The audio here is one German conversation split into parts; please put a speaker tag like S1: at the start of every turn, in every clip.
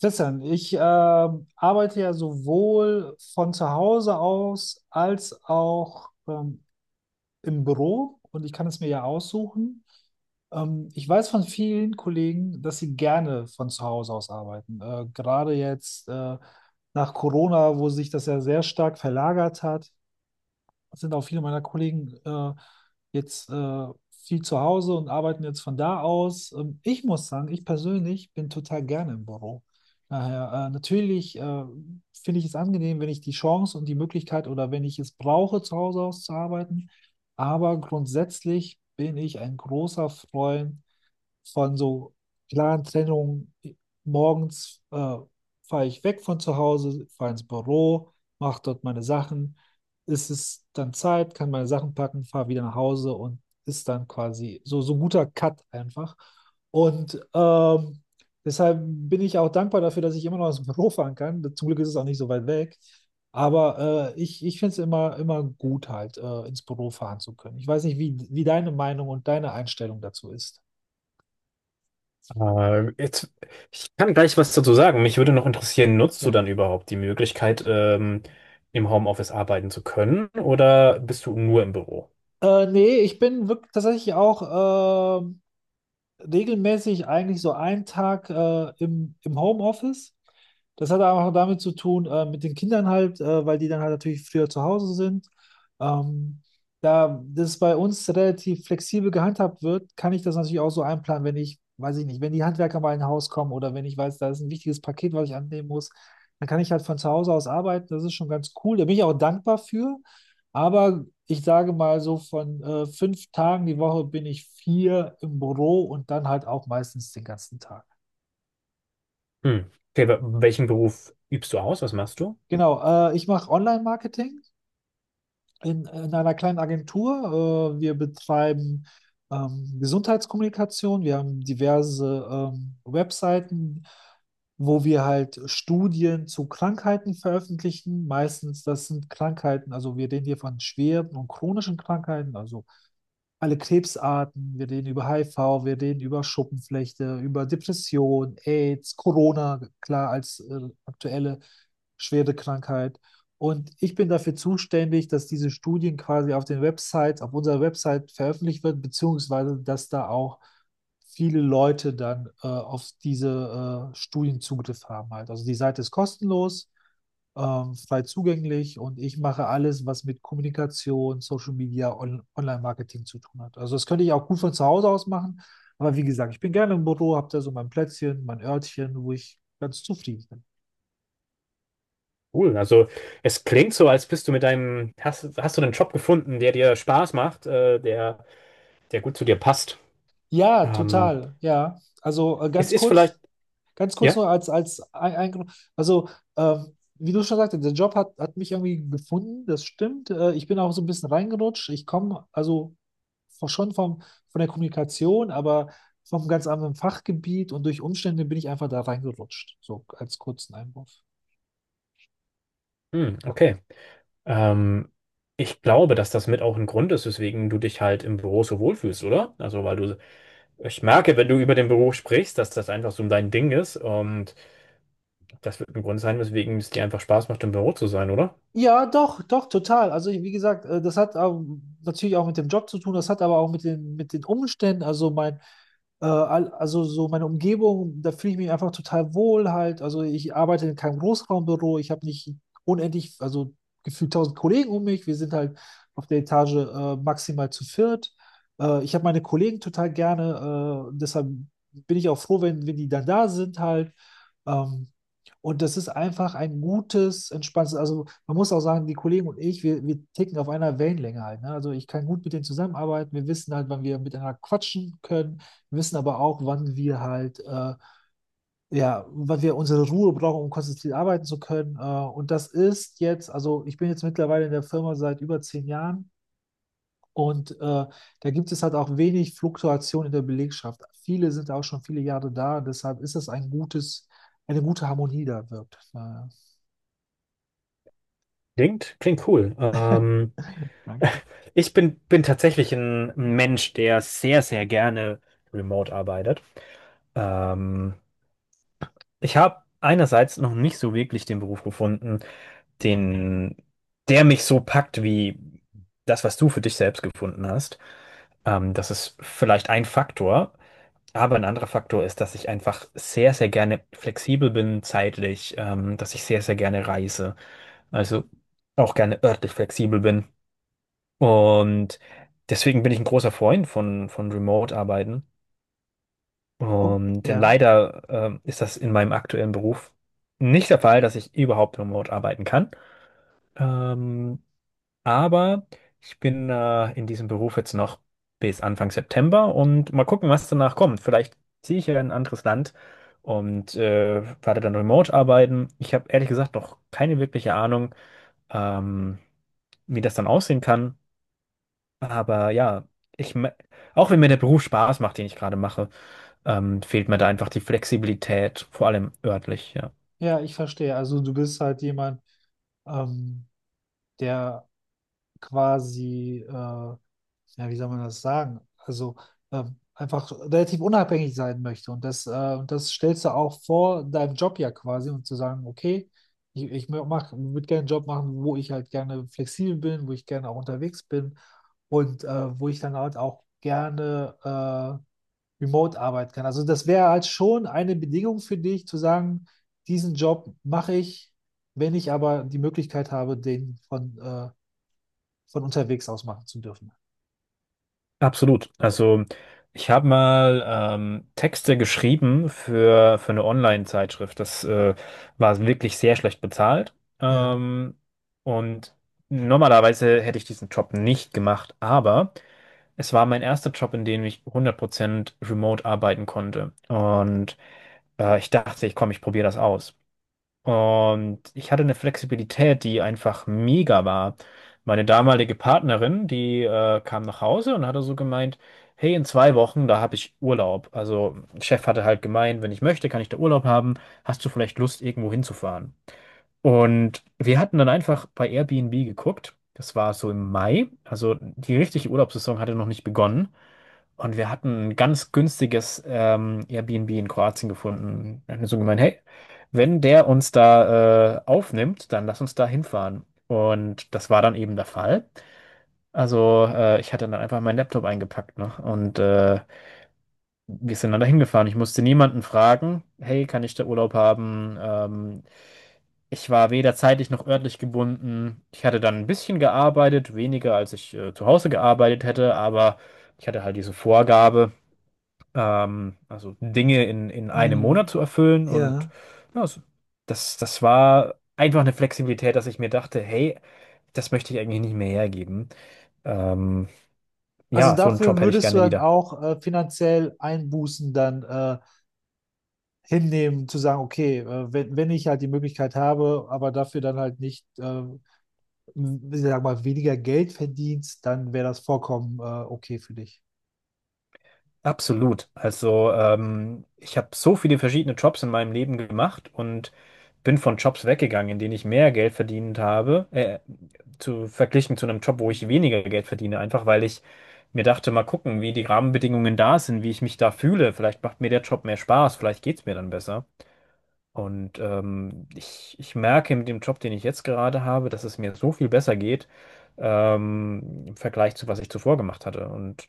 S1: Christian, ich arbeite ja sowohl von zu Hause aus als auch im Büro und ich kann es mir ja aussuchen. Ich weiß von vielen Kollegen, dass sie gerne von zu Hause aus arbeiten. Gerade jetzt nach Corona, wo sich das ja sehr stark verlagert hat, sind auch viele meiner Kollegen jetzt viel zu Hause und arbeiten jetzt von da aus. Ich muss sagen, ich persönlich bin total gerne im Büro. Daher, natürlich finde ich es angenehm, wenn ich die Chance und die Möglichkeit oder wenn ich es brauche, zu Hause aus zu arbeiten. Aber grundsätzlich bin ich ein großer Freund von so klaren Trennungen. Morgens fahre ich weg von zu Hause, fahre ins Büro, mache dort meine Sachen. Ist es dann Zeit, kann meine Sachen packen, fahre wieder nach Hause und ist dann quasi so, so ein guter Cut einfach. Und deshalb bin ich auch dankbar dafür, dass ich immer noch ins Büro fahren kann. Zum Glück ist es auch nicht so weit weg. Aber ich finde es immer, immer gut, halt ins Büro fahren zu können. Ich weiß nicht, wie deine Meinung und deine Einstellung dazu ist.
S2: Äh, jetzt, Ich kann gleich was dazu sagen. Mich würde noch interessieren, nutzt du
S1: Ja.
S2: dann überhaupt die Möglichkeit, im Homeoffice arbeiten zu können oder bist du nur im Büro?
S1: Nee, ich bin wirklich tatsächlich auch regelmäßig eigentlich so einen Tag im Homeoffice. Das hat aber auch damit zu tun, mit den Kindern halt, weil die dann halt natürlich früher zu Hause sind. Ähm, Da das bei uns relativ flexibel gehandhabt wird, kann ich das natürlich auch so einplanen, wenn ich, weiß ich nicht, wenn die Handwerker mal in ein Haus kommen oder wenn ich weiß, da ist ein wichtiges Paket, was ich annehmen muss, dann kann ich halt von zu Hause aus arbeiten. Das ist schon ganz cool. Da bin ich auch dankbar für. Aber ich sage mal so, von 5 Tagen die Woche bin ich vier im Büro und dann halt auch meistens den ganzen Tag.
S2: Hm. Okay, welchen Beruf übst du aus? Was machst du?
S1: Genau, ich mache Online-Marketing in einer kleinen Agentur. Wir betreiben Gesundheitskommunikation. Wir haben diverse Webseiten, wo wir halt Studien zu Krankheiten veröffentlichen. Meistens, das sind Krankheiten, also wir reden hier von schweren und chronischen Krankheiten, also alle Krebsarten, wir reden über HIV, wir reden über Schuppenflechte, über Depression, AIDS, Corona, klar als aktuelle schwere Krankheit. Und ich bin dafür zuständig, dass diese Studien quasi auf den Websites, auf unserer Website veröffentlicht werden, beziehungsweise dass da auch viele Leute dann auf diese Studien Zugriff haben halt. Also die Seite ist kostenlos, frei zugänglich und ich mache alles, was mit Kommunikation, Social Media, On Online-Marketing zu tun hat. Also das könnte ich auch gut von zu Hause aus machen, aber wie gesagt, ich bin gerne im Büro, habe da so mein Plätzchen, mein Örtchen, wo ich ganz zufrieden bin.
S2: Cool. Also es klingt so, als bist du mit deinem, hast, hast du einen Job gefunden, der dir Spaß macht, der, der gut zu dir passt.
S1: Ja,
S2: Ähm,
S1: total, ja. Also
S2: es
S1: ganz
S2: ist vielleicht,
S1: kurz. Ganz kurz
S2: ja?
S1: nur als, als ein, Also wie du schon sagtest, der Job hat mich irgendwie gefunden, das stimmt. Ich bin auch so ein bisschen reingerutscht. Ich komme also von- schon vom, von der Kommunikation, aber vom ganz anderen Fachgebiet und durch Umstände bin ich einfach da reingerutscht. So als kurzen Einwurf.
S2: Hm, okay. Ähm, ich glaube, dass das mit auch ein Grund ist, weswegen du dich halt im Büro so wohlfühlst, oder? Also weil du ich merke, wenn du über den Beruf sprichst, dass das einfach so dein Ding ist. Und das wird ein Grund sein, weswegen es dir einfach Spaß macht, im Büro zu sein, oder?
S1: Ja, doch, doch, total. Also wie gesagt, das hat natürlich auch mit dem Job zu tun, das hat aber auch mit den Umständen, also also so meine Umgebung, da fühle ich mich einfach total wohl halt. Also ich arbeite in keinem Großraumbüro, ich habe nicht unendlich, also gefühlt tausend Kollegen um mich. Wir sind halt auf der Etage maximal zu viert. Ich habe meine Kollegen total gerne, deshalb bin ich auch froh, wenn die dann da sind halt. Ähm, und das ist einfach ein gutes, entspanntes, also man muss auch sagen, die Kollegen und ich, wir ticken auf einer Wellenlänge halt. Ne? Also ich kann gut mit denen zusammenarbeiten. Wir wissen halt, wann wir miteinander quatschen können. Wir wissen aber auch, wann wir halt, ja, wann wir unsere Ruhe brauchen, um konzentriert arbeiten zu können. Und das ist jetzt, also ich bin jetzt mittlerweile in der Firma seit über 10 Jahren. Und da gibt es halt auch wenig Fluktuation in der Belegschaft. Viele sind auch schon viele Jahre da, deshalb ist das ein gutes, eine gute Harmonie da wirkt.
S2: Klingt, klingt cool. Ich bin, bin tatsächlich ein Mensch, der sehr, sehr gerne remote arbeitet. Ähm, Ich habe einerseits noch nicht so wirklich den Beruf gefunden, den, der mich so packt wie das, was du für dich selbst gefunden hast. Das ist vielleicht ein Faktor. Aber ein anderer Faktor ist, dass ich einfach sehr, sehr gerne flexibel bin zeitlich, dass ich sehr, sehr gerne reise, also auch gerne örtlich flexibel bin. Und deswegen bin ich ein großer Freund von Remote-Arbeiten.
S1: Oh,
S2: Und denn
S1: ja,
S2: leider, ist das in meinem aktuellen Beruf nicht der Fall, dass ich überhaupt remote arbeiten kann. Ähm, Aber ich bin in diesem Beruf jetzt noch bis Anfang September und mal gucken, was danach kommt. Vielleicht ziehe ich ja in ein anderes Land und werde dann remote arbeiten. Ich habe ehrlich gesagt noch keine wirkliche Ahnung, ähm, wie das dann aussehen kann. Aber ja, ich, auch wenn mir der Beruf Spaß macht, den ich gerade mache, fehlt mir da einfach die Flexibilität, vor allem örtlich, ja.
S1: ja, ich verstehe. Also du bist halt jemand, ähm, der quasi, ja, wie soll man das sagen? Also einfach relativ unabhängig sein möchte. Und und das stellst du auch vor deinem Job ja quasi und zu sagen, okay, ich, würde gerne einen Job machen, wo ich halt gerne flexibel bin, wo ich gerne auch unterwegs bin und wo ich dann halt auch gerne remote arbeiten kann. Also das wäre halt schon eine Bedingung für dich, zu sagen, diesen Job mache ich, wenn ich aber die Möglichkeit habe, den von unterwegs aus machen zu dürfen.
S2: Absolut. Also ich habe mal Texte geschrieben für eine Online-Zeitschrift. Das war wirklich sehr schlecht bezahlt.
S1: Ja.
S2: Und normalerweise hätte ich diesen Job nicht gemacht, aber es war mein erster Job, in dem ich 100% remote arbeiten konnte. Und ich dachte, ich komm, ich probiere das aus. Und ich hatte eine Flexibilität, die einfach mega war. Meine damalige Partnerin, die kam nach Hause und hatte so gemeint, hey, in 2 Wochen, da habe ich Urlaub. Also, Chef hatte halt gemeint, wenn ich möchte, kann ich da Urlaub haben. Hast du vielleicht Lust, irgendwo hinzufahren? Und wir hatten dann einfach bei Airbnb geguckt. Das war so im Mai. Also, die richtige Urlaubssaison hatte noch nicht begonnen. Und wir hatten ein ganz günstiges Airbnb in Kroatien gefunden. Wir hatten so gemeint, hey, wenn der uns da aufnimmt, dann lass uns da hinfahren. Und das war dann eben der Fall. Also ich hatte dann einfach meinen Laptop eingepackt, ne? Und wir sind dann da hingefahren. Ich musste niemanden fragen, hey, kann ich da Urlaub haben? Ich war weder zeitlich noch örtlich gebunden. Ich hatte dann ein bisschen gearbeitet, weniger als ich zu Hause gearbeitet hätte, aber ich hatte halt diese Vorgabe also Dinge in 1 Monat
S1: Mhm.
S2: zu erfüllen. Und
S1: Ja.
S2: ja, so- das, das war einfach eine Flexibilität, dass ich mir dachte, hey, das möchte ich eigentlich nicht mehr hergeben. Ähm,
S1: Also
S2: ja, so einen
S1: dafür
S2: Job hätte ich
S1: würdest du
S2: gerne
S1: dann
S2: wieder.
S1: auch finanziell Einbußen dann hinnehmen, zu sagen, okay, wenn ich halt die Möglichkeit habe, aber dafür dann halt nicht, ich sag mal, weniger Geld verdienst, dann wäre das vollkommen okay für dich.
S2: Absolut. Also ich habe so viele verschiedene Jobs in meinem Leben gemacht und bin von Jobs weggegangen, in denen ich mehr Geld verdient habe, zu verglichen zu einem Job, wo ich weniger Geld verdiene, einfach weil ich mir dachte, mal gucken, wie die Rahmenbedingungen da sind, wie ich mich da fühle. Vielleicht macht mir der Job mehr Spaß, vielleicht geht's mir dann besser. Und ich merke mit dem Job, den ich jetzt gerade habe, dass es mir so viel besser geht, im Vergleich zu, was ich zuvor gemacht hatte. Und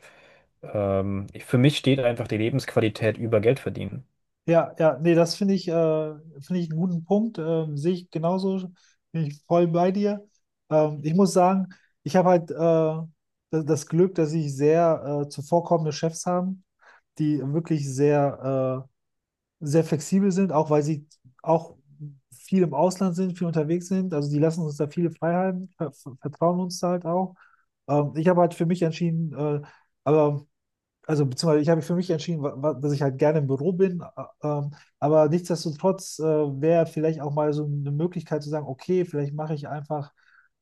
S2: für mich steht einfach die Lebensqualität über Geld verdienen.
S1: Ja, ja, nee, das finde ich einen guten Punkt. Sehe ich genauso, bin ich voll bei dir. Ich muss sagen, ich habe halt das Glück, dass ich sehr zuvorkommende Chefs habe, die wirklich sehr, sehr flexibel sind, auch weil sie auch viel im Ausland sind, viel unterwegs sind. Also die lassen uns da viele Freiheiten, vertrauen uns da halt auch. Ich habe halt für mich entschieden, aber also beziehungsweise ich habe mich für mich entschieden, dass ich halt gerne im Büro bin, aber nichtsdestotrotz wäre vielleicht auch mal so eine Möglichkeit zu sagen, okay, vielleicht mache ich einfach,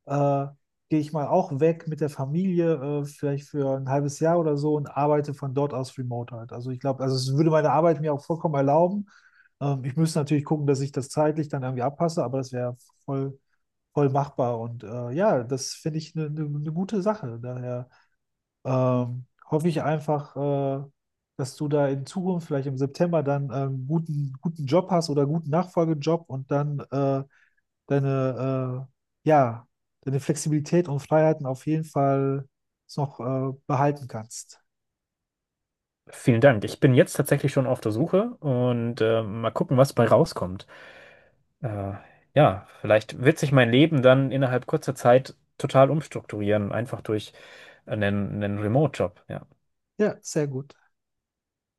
S1: äh, gehe ich mal auch weg mit der Familie, vielleicht für ein halbes Jahr oder so und arbeite von dort aus remote halt. Also ich glaube, also es würde meine Arbeit mir auch vollkommen erlauben. Ich müsste natürlich gucken, dass ich das zeitlich dann irgendwie abpasse, aber das wäre voll, voll machbar und ja, das finde ich eine gute Sache. Daher hoffe ich einfach, dass du da in Zukunft, vielleicht im September, dann einen guten Job hast oder guten Nachfolgejob und dann ja, deine Flexibilität und Freiheiten auf jeden Fall noch behalten kannst.
S2: Vielen Dank. Ich bin jetzt tatsächlich schon auf der Suche und mal gucken, was bei rauskommt. Äh, ja, vielleicht wird sich mein Leben dann innerhalb kurzer Zeit total umstrukturieren, einfach durch einen, einen Remote-Job. Ja.
S1: Ja, sehr gut.